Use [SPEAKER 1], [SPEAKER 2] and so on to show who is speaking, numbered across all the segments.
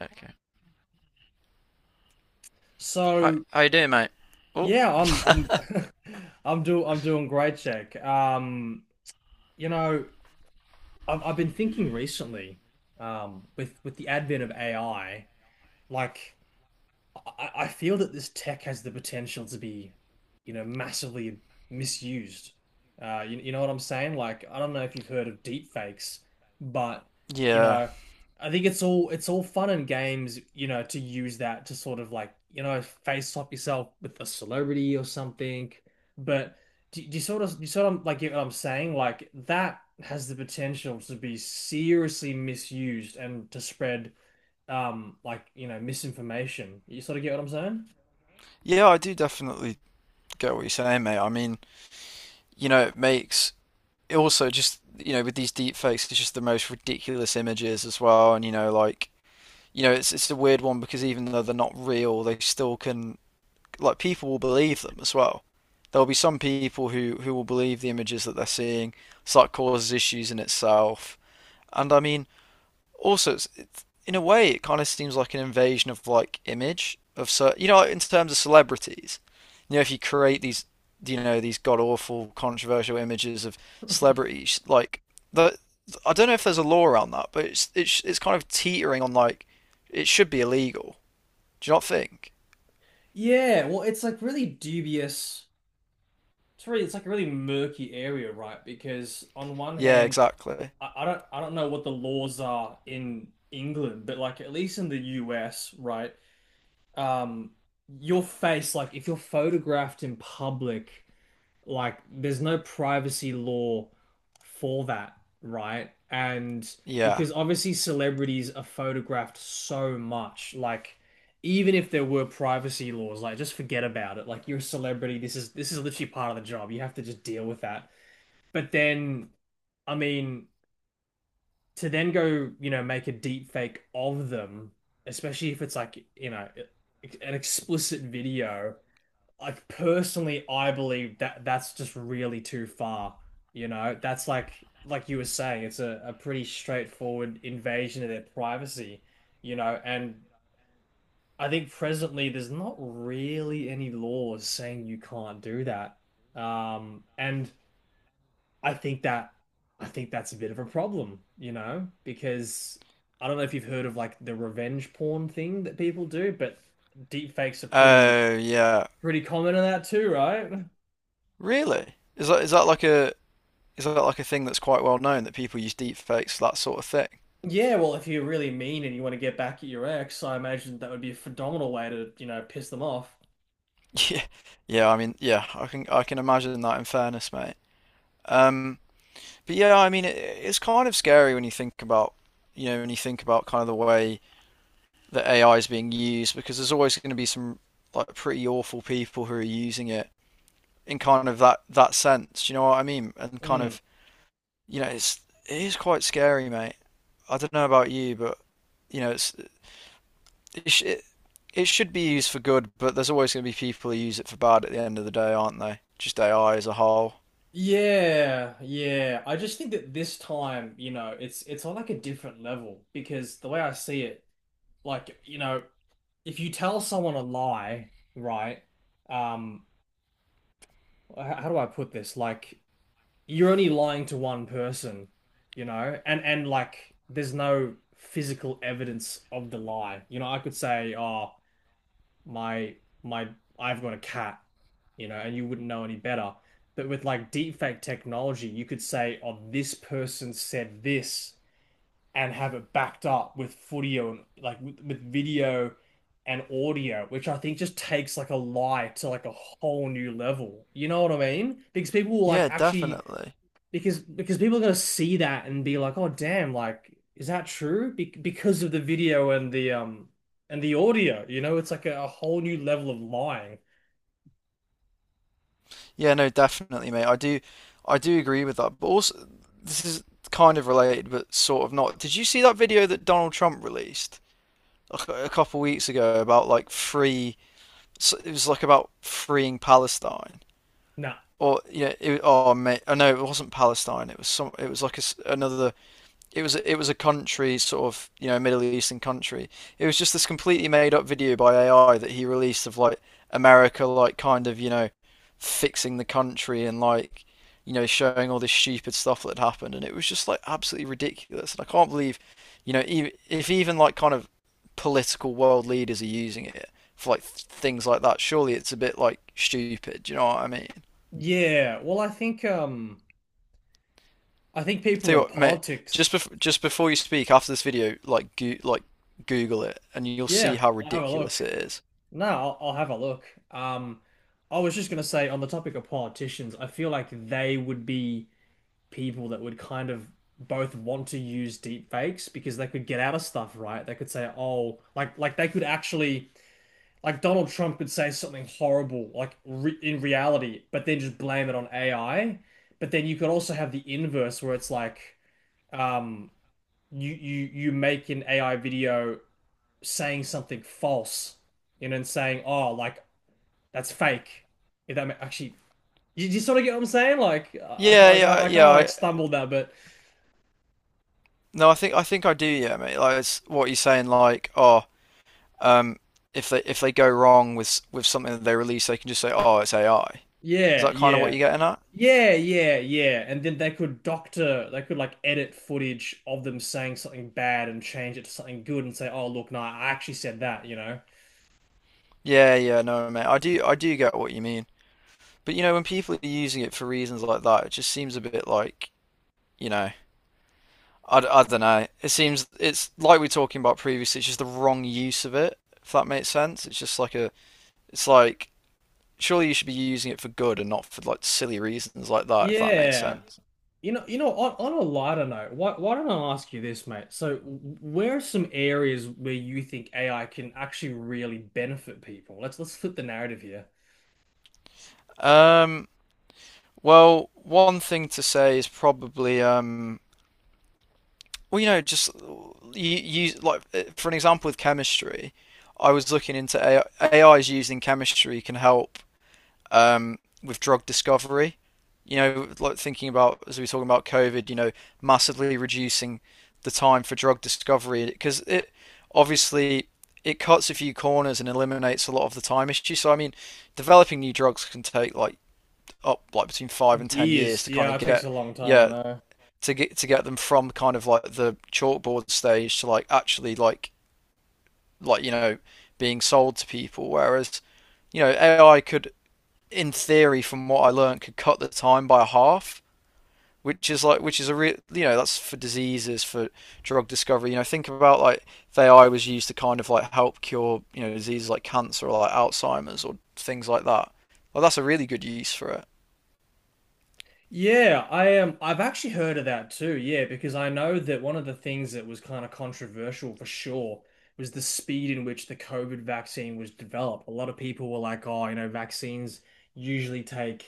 [SPEAKER 1] Okay. How,
[SPEAKER 2] So
[SPEAKER 1] how you doing, mate? Oh,
[SPEAKER 2] yeah, I'm I'm doing great, Jack. You know, I've been thinking recently, with the advent of AI, like. I feel that this tech has the potential to be, you know, massively misused. You know what I'm saying? Like, I don't know if you've heard of deep fakes, but you
[SPEAKER 1] yeah.
[SPEAKER 2] know, I think it's all fun and games, you know, to use that to sort of like, you know, face swap yourself with a celebrity or something. But do you sort of like get what I'm saying? Like that has the potential to be seriously misused and to spread like you know misinformation. You sort of get what I'm saying?
[SPEAKER 1] Yeah, I do definitely get what you're saying, mate. I mean, you know, it makes it also just, you know, with these deep fakes, it's just the most ridiculous images as well. And, you know, like, you know, it's a weird one because even though they're not real, they still can, like, people will believe them as well. There'll be some people who will believe the images that they're seeing, so that causes issues in itself. And I mean, also it's in a way it kind of seems like an invasion of like image of so, you know, in terms of celebrities, you know, if you create these, you know, these god awful controversial images of celebrities, like the, I don't know if there's a law around that, but it's kind of teetering on like it should be illegal, do you not think?
[SPEAKER 2] Yeah, well, it's like really dubious. It's like a really murky area, right? Because on one
[SPEAKER 1] Yeah,
[SPEAKER 2] hand,
[SPEAKER 1] exactly.
[SPEAKER 2] I don't know what the laws are in England, but like at least in the US, right? Um, your face, like if you're photographed in public, like there's no privacy law for that, right? And
[SPEAKER 1] Yeah.
[SPEAKER 2] because obviously celebrities are photographed so much, like even if there were privacy laws, like just forget about it. Like you're a celebrity, this is literally part of the job. You have to just deal with that. But then, I mean, to then go, you know, make a deep fake of them, especially if it's like, you know, an explicit video, like personally, I believe that that's just really too far. You know, that's like you were saying, it's a pretty straightforward invasion of their privacy, you know, and I think presently there's not really any laws saying you can't do that. And I think that I think that's a bit of a problem, you know, because I don't know if you've heard of like the revenge porn thing that people do, but deep fakes are pretty
[SPEAKER 1] Oh, yeah.
[SPEAKER 2] pretty common in that too, right?
[SPEAKER 1] Really, is that, is that like a, is that like a thing that's quite well known that people use deepfakes for that sort of thing?
[SPEAKER 2] Yeah, well, if you're really mean and you want to get back at your ex, I imagine that would be a phenomenal way to, you know, piss them off.
[SPEAKER 1] Yeah, yeah, I mean, yeah, I can, I can imagine that in fairness, mate. Um, but yeah, I mean, it's kind of scary when you think about, you know, when you think about kind of the way that AI is being used, because there's always going to be some like pretty awful people who are using it in kind of that sense. You know what I mean? And kind
[SPEAKER 2] Mm.
[SPEAKER 1] of, you know, it's it is quite scary, mate. I don't know about you, but you know, it's it sh it, it should be used for good, but there's always going to be people who use it for bad at the end of the day, aren't they? Just AI as a whole.
[SPEAKER 2] Yeah, yeah. I just think that this time, you know, it's on like a different level because the way I see it, like, you know, if you tell someone a lie, right? Um, how do I put this? Like, you're only lying to one person, you know, and like, there's no physical evidence of the lie. You know, I could say, oh, my my I've got a cat, you know, and you wouldn't know any better. But with like deepfake technology, you could say, "Oh, this person said this," and have it backed up with footage and like with video and audio, which I think just takes like a lie to like a whole new level. You know what I mean? Because people will like
[SPEAKER 1] Yeah,
[SPEAKER 2] actually
[SPEAKER 1] definitely.
[SPEAKER 2] because people are gonna see that and be like, oh damn, like is that true? Be Because of the video and the audio, you know, it's like a whole new level of lying.
[SPEAKER 1] Yeah, no, definitely, mate. I do agree with that. But also, this is kind of related, but sort of not. Did you see that video that Donald Trump released a couple weeks ago about like free? It was like about freeing Palestine,
[SPEAKER 2] Nah,
[SPEAKER 1] or yeah, it, oh mate, oh no, it wasn't Palestine. It was some. It was like a s another, it was, it was a country sort of, you know, Middle Eastern country. It was just this completely made up video by AI that he released of like America like kind of, you know, fixing the country and like, you know, showing all this stupid stuff that happened, and it was just like absolutely ridiculous and I can't believe, you know, even if even like kind of political world leaders are using it for like things like that, surely it's a bit like stupid, do you know what I mean?
[SPEAKER 2] yeah. Well, I think people
[SPEAKER 1] Tell you
[SPEAKER 2] in
[SPEAKER 1] what, mate,
[SPEAKER 2] politics,
[SPEAKER 1] just before you speak, after this video, like go like Google it, and you'll see
[SPEAKER 2] yeah,
[SPEAKER 1] how
[SPEAKER 2] I'll have a look.
[SPEAKER 1] ridiculous it is.
[SPEAKER 2] No, I'll have a look. Um, I was just gonna say on the topic of politicians, I feel like they would be people that would kind of both want to use deep fakes because they could get out of stuff, right? They could say, oh, like they could actually like Donald Trump could say something horrible, like re in reality, but then just blame it on AI. But then you could also have the inverse where it's like um you make an AI video saying something false, you know, and saying, oh, like that's fake. If that ma- actually, you sort of get what I'm saying? Like,
[SPEAKER 1] Yeah,
[SPEAKER 2] I kind
[SPEAKER 1] yeah.
[SPEAKER 2] of like
[SPEAKER 1] I,
[SPEAKER 2] stumbled that, but
[SPEAKER 1] no, I think I think I do. Yeah, mate. Like it's what you're saying. Like, oh, um, if they, if they go wrong with with something that they release, they can just say, oh, it's AI. Is
[SPEAKER 2] yeah,
[SPEAKER 1] that kind of what
[SPEAKER 2] yeah.
[SPEAKER 1] you're getting at?
[SPEAKER 2] Yeah, yeah, yeah. And then they could like edit footage of them saying something bad and change it to something good and say, "Oh, look, no, I actually said that," you know.
[SPEAKER 1] Yeah, yeah. No, mate. I do, I do get what you mean. But you know, when people are using it for reasons like that, it just seems a bit like, you know. I don't know. It seems it's like we were talking about previously. It's just the wrong use of it. If that makes sense, it's just like a. It's like surely you should be using it for good and not for like silly reasons like that. If that makes
[SPEAKER 2] Yeah.
[SPEAKER 1] sense.
[SPEAKER 2] You know, on a lighter note, why don't I ask you this, mate? So, where are some areas where you think AI can actually really benefit people? Let's flip the narrative here.
[SPEAKER 1] Um. Well, one thing to say is probably well, you know, just you use like for an example with chemistry. I was looking into AI, is used in chemistry can help with drug discovery. You know, like thinking about as we were talking about COVID, you know, massively reducing the time for drug discovery because it obviously it cuts a few corners and eliminates a lot of the time issue. So I mean, developing new drugs can take like up like between 5 and 10 years
[SPEAKER 2] Years.
[SPEAKER 1] to kind
[SPEAKER 2] Yeah,
[SPEAKER 1] of
[SPEAKER 2] it takes
[SPEAKER 1] get
[SPEAKER 2] a long time, I
[SPEAKER 1] yeah
[SPEAKER 2] know.
[SPEAKER 1] to get them from kind of like the chalkboard stage to like actually like, you know, being sold to people. Whereas you know AI could in theory, from what I learned, could cut the time by half, which is like which is a real, you know, that's for diseases for drug discovery. You know, think about like if AI was used to kind of like help cure, you know, diseases like cancer or like Alzheimer's or things like that. Well, that's a really good use for it.
[SPEAKER 2] Yeah, I am. I've actually heard of that too. Yeah, because I know that one of the things that was kind of controversial for sure was the speed in which the COVID vaccine was developed. A lot of people were like, oh, you know, vaccines usually take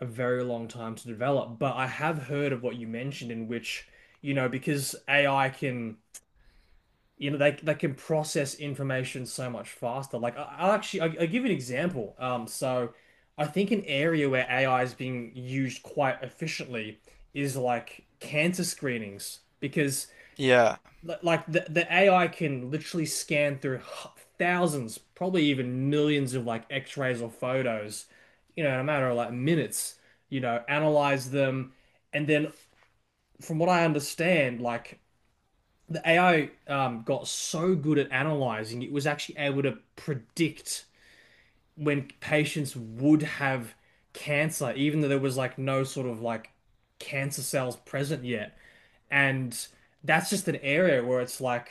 [SPEAKER 2] a very long time to develop. But I have heard of what you mentioned, in which, you know, because AI can you know they can process information so much faster. Like I'll give you an example. So I think an area where AI is being used quite efficiently is like cancer screenings because
[SPEAKER 1] Yeah,
[SPEAKER 2] like the AI can literally scan through thousands, probably even millions of like X-rays or photos, you know, in a matter of like minutes. You know, analyze them, and then from what I understand, like the AI got so good at analyzing, it was actually able to predict when patients would have cancer, even though there was like no sort of like cancer cells present yet. And that's just an area where it's like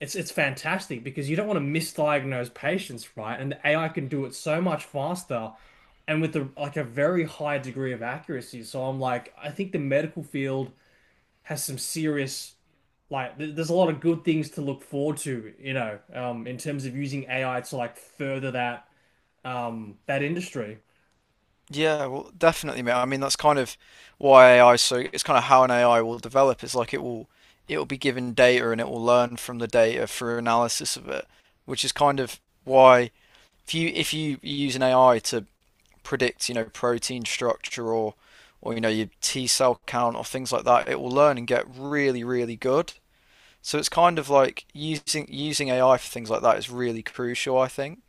[SPEAKER 2] it's fantastic because you don't want to misdiagnose patients, right? And the AI can do it so much faster and with like a very high degree of accuracy. So I'm like, I think the medical field has some serious there's a lot of good things to look forward to, you know, in terms of using AI to like further that that industry.
[SPEAKER 1] yeah, well, definitely, mate. I mean, that's kind of why AI so it's kind of how an AI will develop. It's like it will be given data and it will learn from the data through analysis of it, which is kind of why if you use an AI to predict, you know, protein structure or you know your T cell count or things like that, it will learn and get really really good. So it's kind of like using AI for things like that is really crucial, I think.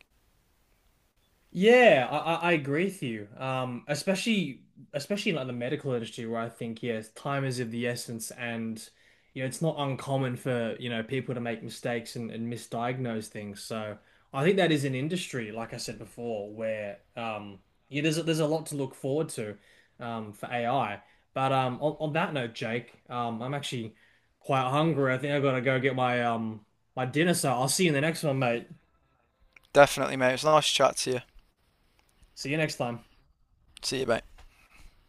[SPEAKER 2] Yeah, I agree with you. Especially in like the medical industry where I think yes, time is of the essence and you know it's not uncommon for you know people to make mistakes and misdiagnose things. So I think that is an industry, like I said before, where yeah, there's there's a lot to look forward to for AI. But on that note, Jake, I'm actually quite hungry. I think I've got to go get my my dinner, so I'll see you in the next one, mate.
[SPEAKER 1] Definitely, mate. It was a nice chat to you.
[SPEAKER 2] See you next time.
[SPEAKER 1] See you, mate.